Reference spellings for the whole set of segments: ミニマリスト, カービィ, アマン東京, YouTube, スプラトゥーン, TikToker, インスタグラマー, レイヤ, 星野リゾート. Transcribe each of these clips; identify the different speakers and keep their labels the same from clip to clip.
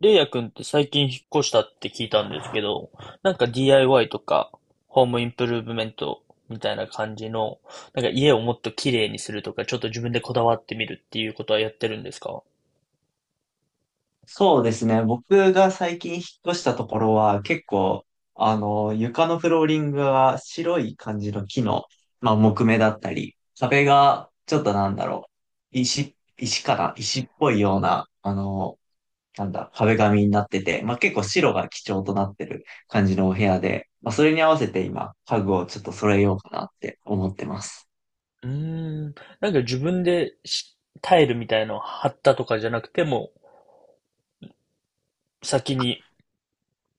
Speaker 1: レイヤくんって最近引っ越したって聞いたんですけど、DIY とか、ホームインプルーブメントみたいな感じの、家をもっと綺麗にするとか、ちょっと自分でこだわってみるっていうことはやってるんですか？
Speaker 2: そうですね。僕が最近引っ越したところは結構、床のフローリングが白い感じの木の、まあ、木目だったり、壁がちょっとなんだろう、石かな石っぽいような、なんだ、壁紙になってて、まあ、結構白が基調となってる感じのお部屋で、まあ、それに合わせて今、家具をちょっと揃えようかなって思ってます。
Speaker 1: うーん、なんか自分でしタイルみたいのを貼ったとかじゃなくても、先に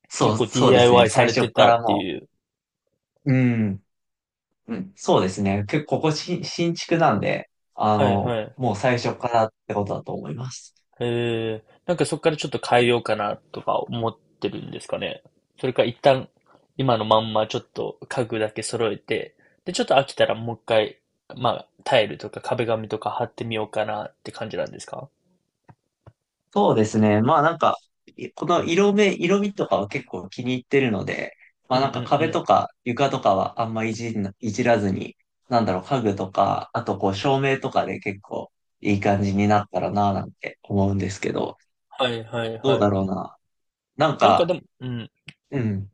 Speaker 1: 結構
Speaker 2: そうですね。
Speaker 1: DIY さ
Speaker 2: 最
Speaker 1: れ
Speaker 2: 初
Speaker 1: て
Speaker 2: か
Speaker 1: たっ
Speaker 2: ら
Speaker 1: て
Speaker 2: も
Speaker 1: いう。
Speaker 2: う、うん。うん、そうですね。結構ここ新築なんで、
Speaker 1: はいはい。
Speaker 2: もう最初からってことだと思います。
Speaker 1: なんかそこからちょっと変えようかなとか思ってるんですかね。それか一旦今のまんまちょっと家具だけ揃えて、で、ちょっと飽きたらもう一回、タイルとか壁紙とか貼ってみようかなって感じなんですか？
Speaker 2: そうですね。まあなんか、この色味とかは結構気に入ってるので、
Speaker 1: う
Speaker 2: まあ
Speaker 1: ん
Speaker 2: なんか
Speaker 1: うん
Speaker 2: 壁
Speaker 1: うん。
Speaker 2: とか床とかはいじらずに、なんだろう、家具とか、あとこう照明とかで結構いい感じになったらなぁなんて思うんですけど、
Speaker 1: はいはい
Speaker 2: どう
Speaker 1: は
Speaker 2: だ
Speaker 1: い。
Speaker 2: ろうな。なん
Speaker 1: なんかで
Speaker 2: か、
Speaker 1: も、うん、
Speaker 2: うん、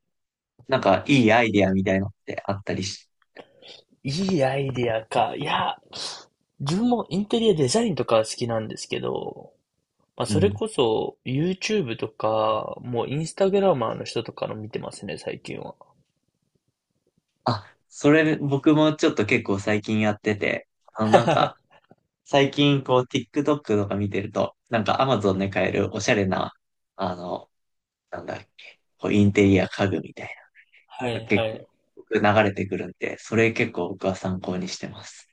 Speaker 2: なんかいいアイディアみたいのってあったりし、
Speaker 1: いいアイディアか。いや、自分もインテリアデザインとかは好きなんですけど、まあ、
Speaker 2: う
Speaker 1: それ
Speaker 2: ん。
Speaker 1: こそ YouTube とか、もうインスタグラマーの人とかの見てますね、最近は。
Speaker 2: あ、それ僕もちょっと結構最近やってて、なんか 最近こう TikTok とか見てると、なんか Amazon で買えるおしゃれな、あの、なんだっけ、こうインテリア家具みたい
Speaker 1: は
Speaker 2: な、
Speaker 1: いは
Speaker 2: 結
Speaker 1: い。
Speaker 2: 構僕流れてくるんで、それ結構僕は参考にしてます。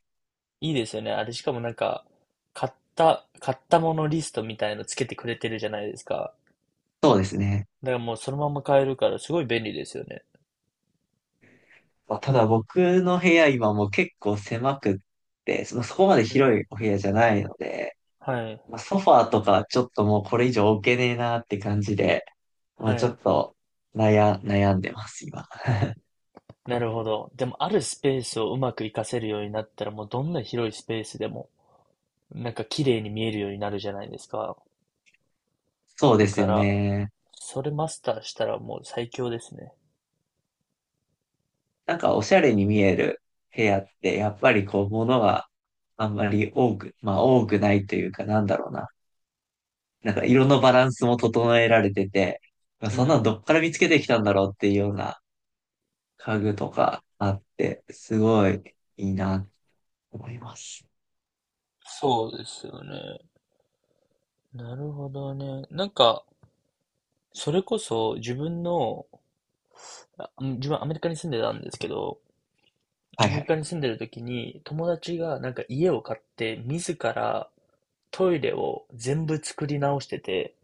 Speaker 1: いいですよね。あれ、しかも買ったものリストみたいのつけてくれてるじゃないですか。
Speaker 2: そうですね。
Speaker 1: だからもうそのまま買えるから、すごい便利ですよね。
Speaker 2: まあ、ただ僕の部屋今もう結構狭くって、そこまで
Speaker 1: うん。
Speaker 2: 広いお部屋じゃないので、
Speaker 1: はい、
Speaker 2: まあ、ソファーとかちょっともうこれ以上置けねえなって感じで、ま
Speaker 1: は
Speaker 2: あちょ
Speaker 1: い。
Speaker 2: っと悩んでます、今。
Speaker 1: なるほど。でも、あるスペースをうまく活かせるようになったら、もうどんな広いスペースでも、なんか綺麗に見えるようになるじゃないですか。
Speaker 2: そうで
Speaker 1: だ
Speaker 2: す
Speaker 1: か
Speaker 2: よ
Speaker 1: ら、
Speaker 2: ね。
Speaker 1: それマスターしたらもう最強ですね。
Speaker 2: なんかおしゃれに見える部屋って、やっぱりこう、物があんまり多く、まあ多くないというか、なんだろうな。なんか色のバランスも整えられてて、まあ
Speaker 1: う
Speaker 2: そんなの
Speaker 1: ん。
Speaker 2: どっから見つけてきたんだろうっていうような家具とかあって、すごいいいなと思います。
Speaker 1: そうですよね。なるほどね。それこそ自分の自分アメリカに住んでたんですけど、
Speaker 2: は
Speaker 1: ア
Speaker 2: い
Speaker 1: メ
Speaker 2: は
Speaker 1: リ
Speaker 2: い。
Speaker 1: カに住んでる時に友達がなんか家を買って自らトイレを全部作り直してて、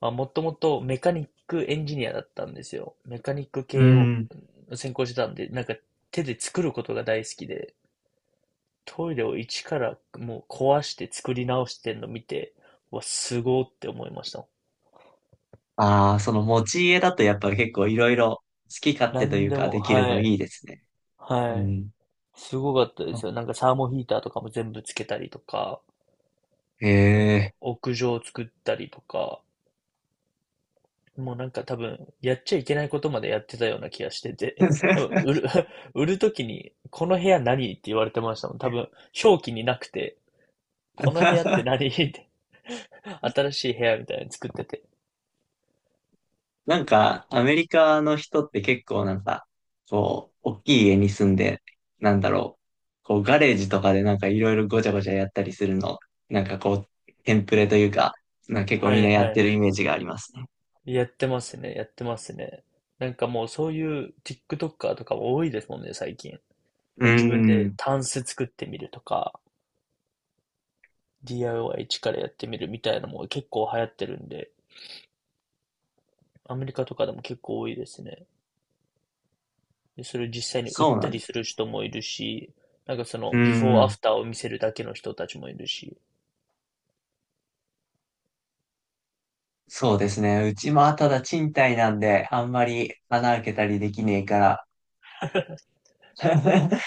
Speaker 1: まあ、もともとメカニックエンジニアだったんですよ。メカニック
Speaker 2: う
Speaker 1: 系を
Speaker 2: ん。
Speaker 1: 専攻してたんで、なんか手で作ることが大好きで、トイレを一からもう壊して作り直してんの見て、うわ、すごーって思いました。
Speaker 2: ああ、その持ち家だとやっぱり結構いろいろ好き勝
Speaker 1: な
Speaker 2: 手と
Speaker 1: ん
Speaker 2: いう
Speaker 1: で
Speaker 2: か
Speaker 1: も、
Speaker 2: できる
Speaker 1: は
Speaker 2: の
Speaker 1: い、
Speaker 2: いいですね。
Speaker 1: は
Speaker 2: う
Speaker 1: い。
Speaker 2: ん。
Speaker 1: すごかったですよ。なんかサーモヒーターとかも全部つけたりとか、
Speaker 2: へ
Speaker 1: なんか
Speaker 2: え。
Speaker 1: 屋上を作ったりとか、もうなんか多分やっちゃいけないことまでやってたような気がしてて、多分売る、売るときに、この部屋何って言われてましたもん。多分表記になくて、この部屋って何って、新しい部屋みたいに作ってて。
Speaker 2: なんか、アメリカの人って結構なんか、こう、大きい家に住んで、なんだろう、こう、ガレージとかでなんかいろいろごちゃごちゃやったりするの、なんかこう、テンプレというか、なんか結構
Speaker 1: は
Speaker 2: みん
Speaker 1: い
Speaker 2: なや
Speaker 1: は
Speaker 2: って
Speaker 1: い。
Speaker 2: るイメージがありますね。
Speaker 1: やってますね、やってますね。なんかもうそういう TikToker とかも多いですもんね、最近。
Speaker 2: うー
Speaker 1: 自分で
Speaker 2: ん、
Speaker 1: タンス作ってみるとか、DIY 一からやってみるみたいなのも結構流行ってるんで、アメリカとかでも結構多いですね。で、それを実際に売っ
Speaker 2: そう
Speaker 1: た
Speaker 2: なん
Speaker 1: り
Speaker 2: で
Speaker 1: す
Speaker 2: す。
Speaker 1: る人もいるし、なんかその、
Speaker 2: うー
Speaker 1: ビフォーア
Speaker 2: ん、
Speaker 1: フターを見せるだけの人たちもいるし。
Speaker 2: そうですね。うちもただ賃貸なんで、あんまり穴開けたりできねえから。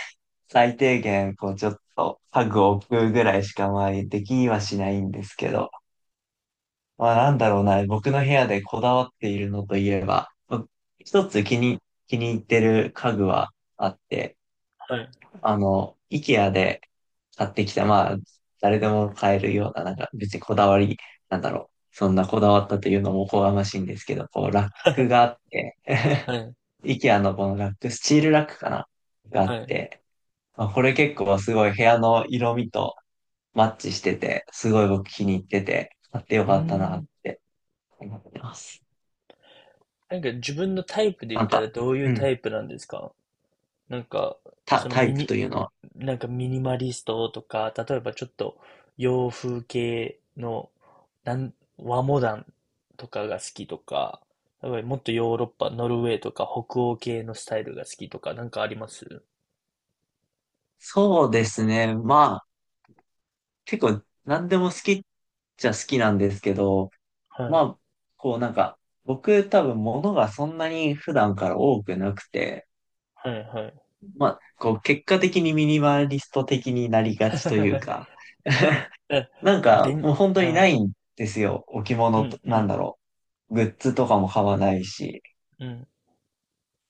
Speaker 2: 最低限、こう、ちょっと、家具を置くぐらいしか、まあ、できにはしないんですけど、まあ、なんだろうな、僕の部屋でこだわっているのといえば、僕一つ気に入ってる家具はあって、
Speaker 1: はい。
Speaker 2: IKEA で買ってきた、まあ、誰でも買えるような、なんか、別にこだわり、なんだろう、そんなこだわったというのもおこがましいんですけど、こう、ラックが あって、
Speaker 1: はい。
Speaker 2: IKEA のこのラック、スチールラックかながあ
Speaker 1: は
Speaker 2: っ
Speaker 1: い。う
Speaker 2: て、まあ、これ結構すごい部屋の色味と、マッチしてて、すごい僕気に入ってて、買ってよ
Speaker 1: ー
Speaker 2: かったなっ
Speaker 1: ん。
Speaker 2: て思ってます。
Speaker 1: なんか自分のタイプで言
Speaker 2: な
Speaker 1: っ
Speaker 2: ん
Speaker 1: たら
Speaker 2: か、
Speaker 1: どういう
Speaker 2: う
Speaker 1: タ
Speaker 2: ん、
Speaker 1: イプなんですか？なんか、その
Speaker 2: タイ
Speaker 1: ミ
Speaker 2: プ
Speaker 1: ニ、
Speaker 2: というのは。
Speaker 1: なんかミニマリストとか、例えばちょっと洋風系の和モダンとかが好きとか、やっぱりもっとヨーロッパ、ノルウェーとか北欧系のスタイルが好きとか、なんかあります？
Speaker 2: そうですね。まあ、結構何でも好きっちゃ好きなんですけど、
Speaker 1: は
Speaker 2: ま
Speaker 1: い、
Speaker 2: あ、こうなんか、僕多分物がそんなに普段から多くなくて、
Speaker 1: はい、はい。
Speaker 2: まあ、こう結果的にミニマリスト的になりがちというか、
Speaker 1: え、
Speaker 2: なんか
Speaker 1: 便
Speaker 2: もう
Speaker 1: 利、
Speaker 2: 本当に
Speaker 1: は
Speaker 2: な
Speaker 1: い。
Speaker 2: いんですよ。置
Speaker 1: う
Speaker 2: 物と、
Speaker 1: ん、う
Speaker 2: なん
Speaker 1: ん、
Speaker 2: だろう。グッズとかも買わないし。
Speaker 1: うん。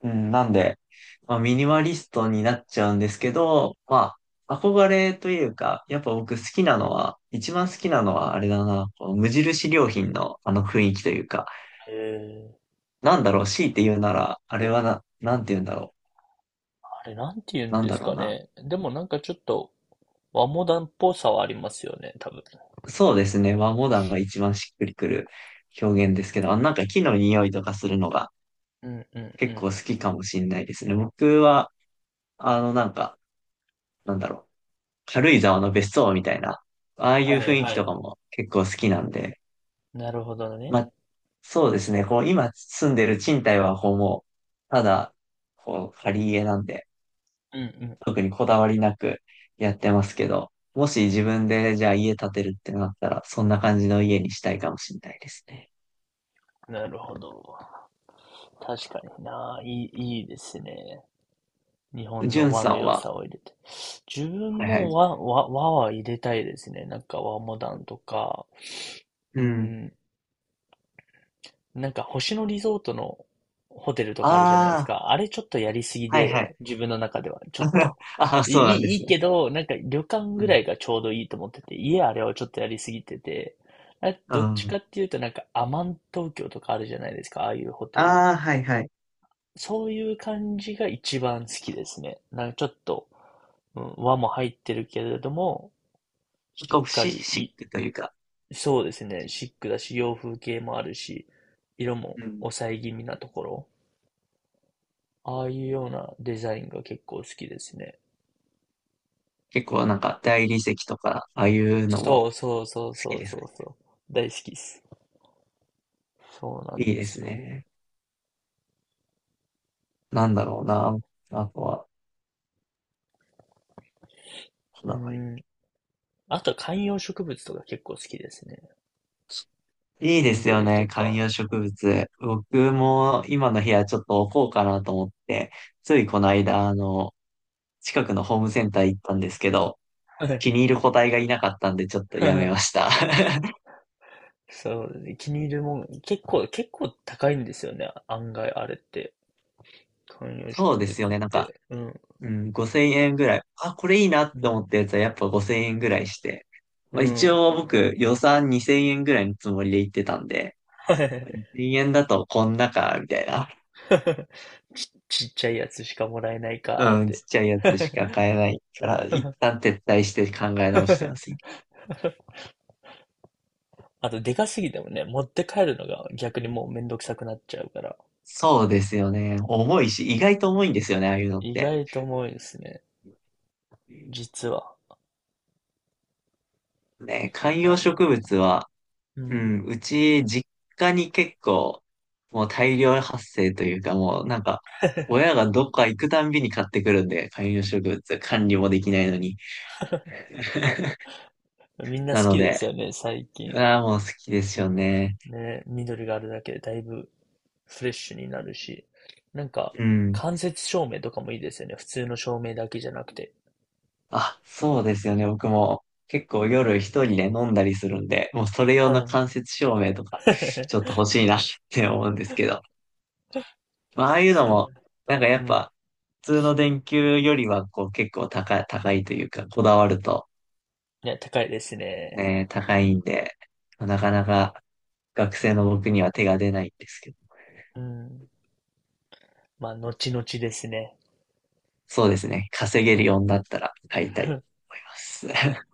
Speaker 2: うん、なんで、まあ、ミニマリストになっちゃうんですけど、まあ、憧れというか、やっぱ僕好きなのは、一番好きなのはあれだな、この無印良品のあの雰囲気というか、
Speaker 1: へえー、
Speaker 2: なんだろう、強いて言うなら、あれはな、なんて言うんだろ
Speaker 1: あれなんて言う
Speaker 2: う、
Speaker 1: ん
Speaker 2: なん
Speaker 1: で
Speaker 2: だ
Speaker 1: す
Speaker 2: ろ
Speaker 1: か
Speaker 2: うな。
Speaker 1: ね。でもなんかちょっと和モダンっぽさはありますよね、多分。
Speaker 2: そうですね、和モダンが一番しっくりくる表現ですけど、なんか木の匂いとかするのが
Speaker 1: うん、うん、う
Speaker 2: 結構
Speaker 1: ん。
Speaker 2: 好きかもしれないですね。僕は、なんか、なんだろう、軽井沢の別荘みたいな、ああいう
Speaker 1: はい、
Speaker 2: 雰
Speaker 1: は
Speaker 2: 囲気とか
Speaker 1: い。
Speaker 2: も結構好きなんで、
Speaker 1: なるほどね。
Speaker 2: まあ、そうですね、こう、今住んでる賃貸は、こう、もう、ただ、こう、借り家なんで、
Speaker 1: うんう
Speaker 2: 特にこだわりなくやってますけど、もし自分で、じゃあ家建てるってなったら、そんな感じの家にしたいかもしれないですね。
Speaker 1: ん。なるほど。確かにな。いいですね。日本
Speaker 2: じゅ
Speaker 1: の
Speaker 2: ん
Speaker 1: 和
Speaker 2: さ
Speaker 1: の
Speaker 2: ん
Speaker 1: 良
Speaker 2: は、
Speaker 1: さを入れて。自分
Speaker 2: はいは
Speaker 1: も
Speaker 2: い。
Speaker 1: 和は入れたいですね。なんか和モダンとか。う
Speaker 2: うん。
Speaker 1: ん。なんか星野リゾートのホテルとかあるじゃないです
Speaker 2: あ
Speaker 1: か。あれちょっとやりすぎ
Speaker 2: あ、はいはい。
Speaker 1: で、自分の中ではちょっと。
Speaker 2: ああ、
Speaker 1: いい
Speaker 2: そうなんで
Speaker 1: い
Speaker 2: す
Speaker 1: い
Speaker 2: ね。
Speaker 1: けど、なんか旅館
Speaker 2: う
Speaker 1: ぐら
Speaker 2: ん。
Speaker 1: いがちょうどいいと思ってて、家あれはちょっとやりすぎてて、あ
Speaker 2: う
Speaker 1: どっちか
Speaker 2: ん。
Speaker 1: っていうとなんかアマン東京とかあるじゃないですか、ああいうホテル。
Speaker 2: ああ、はいはい。
Speaker 1: そういう感じが一番好きですね。なんかちょっと、うん、和も入ってるけれども、し
Speaker 2: こう、
Speaker 1: っか
Speaker 2: シ
Speaker 1: り
Speaker 2: シッ
Speaker 1: い、
Speaker 2: クというか、
Speaker 1: そうですね、シックだし、洋風系もあるし、色も
Speaker 2: うん
Speaker 1: 抑え気味なところ。ああいうようなデザインが結構好きですね。
Speaker 2: 結構なんか大理石とか、ああいうのも
Speaker 1: そ
Speaker 2: 好
Speaker 1: うそうそうそ
Speaker 2: き
Speaker 1: う
Speaker 2: です
Speaker 1: そう
Speaker 2: か？
Speaker 1: そう。大好きです。そうなん
Speaker 2: いい
Speaker 1: で
Speaker 2: で
Speaker 1: す
Speaker 2: す
Speaker 1: よ。
Speaker 2: ね。なんだろうな。あとは、こ
Speaker 1: う
Speaker 2: だわり。
Speaker 1: ん。あとは観葉植物とか結構好きですね。
Speaker 2: いいですよ
Speaker 1: 緑と
Speaker 2: ね、観葉
Speaker 1: か。
Speaker 2: 植物。
Speaker 1: う
Speaker 2: 僕
Speaker 1: ん。
Speaker 2: も今の部屋ちょっと置こうかなと思って、ついこの間、近くのホームセンター行ったんですけど、
Speaker 1: はい。
Speaker 2: 気に入る個体がいなかったんでちょっとやめまし た。
Speaker 1: そうですね。気に入るもん、結構、結構高いんですよね。案外あれって。観葉
Speaker 2: そう
Speaker 1: 植
Speaker 2: で
Speaker 1: 物
Speaker 2: すよ
Speaker 1: っ
Speaker 2: ね、なんか
Speaker 1: て。うん。
Speaker 2: うん、5000円ぐらい。あ、これいいなっ
Speaker 1: う
Speaker 2: て思
Speaker 1: ん。
Speaker 2: ったやつはやっぱ5000円ぐらいして。
Speaker 1: う
Speaker 2: まあ、一
Speaker 1: ん。
Speaker 2: 応 僕予算2000円ぐらいのつもりで行ってたんで、
Speaker 1: はい。
Speaker 2: 2000円だとこんなか、みたいな。
Speaker 1: ち、ちっちゃいやつしかもらえないかーっ
Speaker 2: うん、ち
Speaker 1: て。
Speaker 2: っちゃいやつしか買えないから、一 旦撤退して考え直してます。
Speaker 1: あと、でかすぎてもね、持って帰るのが逆にもうめんどくさくなっちゃうから、
Speaker 2: そうですよね。重いし、意外と重いんですよね、ああいうのっ
Speaker 1: 意
Speaker 2: て。
Speaker 1: 外と重いですね。実は。
Speaker 2: ね、観
Speaker 1: あ
Speaker 2: 葉
Speaker 1: の、
Speaker 2: 植物は
Speaker 1: う
Speaker 2: う
Speaker 1: ん。
Speaker 2: ん、うち、実家に結構、もう大量発生というか、もうなんか、親がどっか行くたんびに買ってくるんで、観葉植物、管理もできないのに。
Speaker 1: みんな好
Speaker 2: なの
Speaker 1: きで
Speaker 2: で、
Speaker 1: すよね、最近。
Speaker 2: ああ、もう好きですよね。
Speaker 1: ね、緑があるだけでだいぶフレッシュになるし。なんか、
Speaker 2: うん。
Speaker 1: 間接照明とかもいいですよね。普通の照明だけじゃなくて。
Speaker 2: あ、そうですよね。僕も結構夜一人で飲んだりするんで、もうそれ用
Speaker 1: は
Speaker 2: の
Speaker 1: い。
Speaker 2: 間接照明とか、ちょっと 欲しいなって思うんですけど。まあ、ああいうの
Speaker 1: それ
Speaker 2: も、なんかや
Speaker 1: う
Speaker 2: っ
Speaker 1: ん。
Speaker 2: ぱ、普通の電球よりは、こう結構高いというか、こだわると、
Speaker 1: ね、高いですね。
Speaker 2: ね、高いんで、なかなか学生の僕には手が出ないんですけど、
Speaker 1: うん。まあ、後々ですね。
Speaker 2: そうですね、稼げるようになったら買いたいと思います。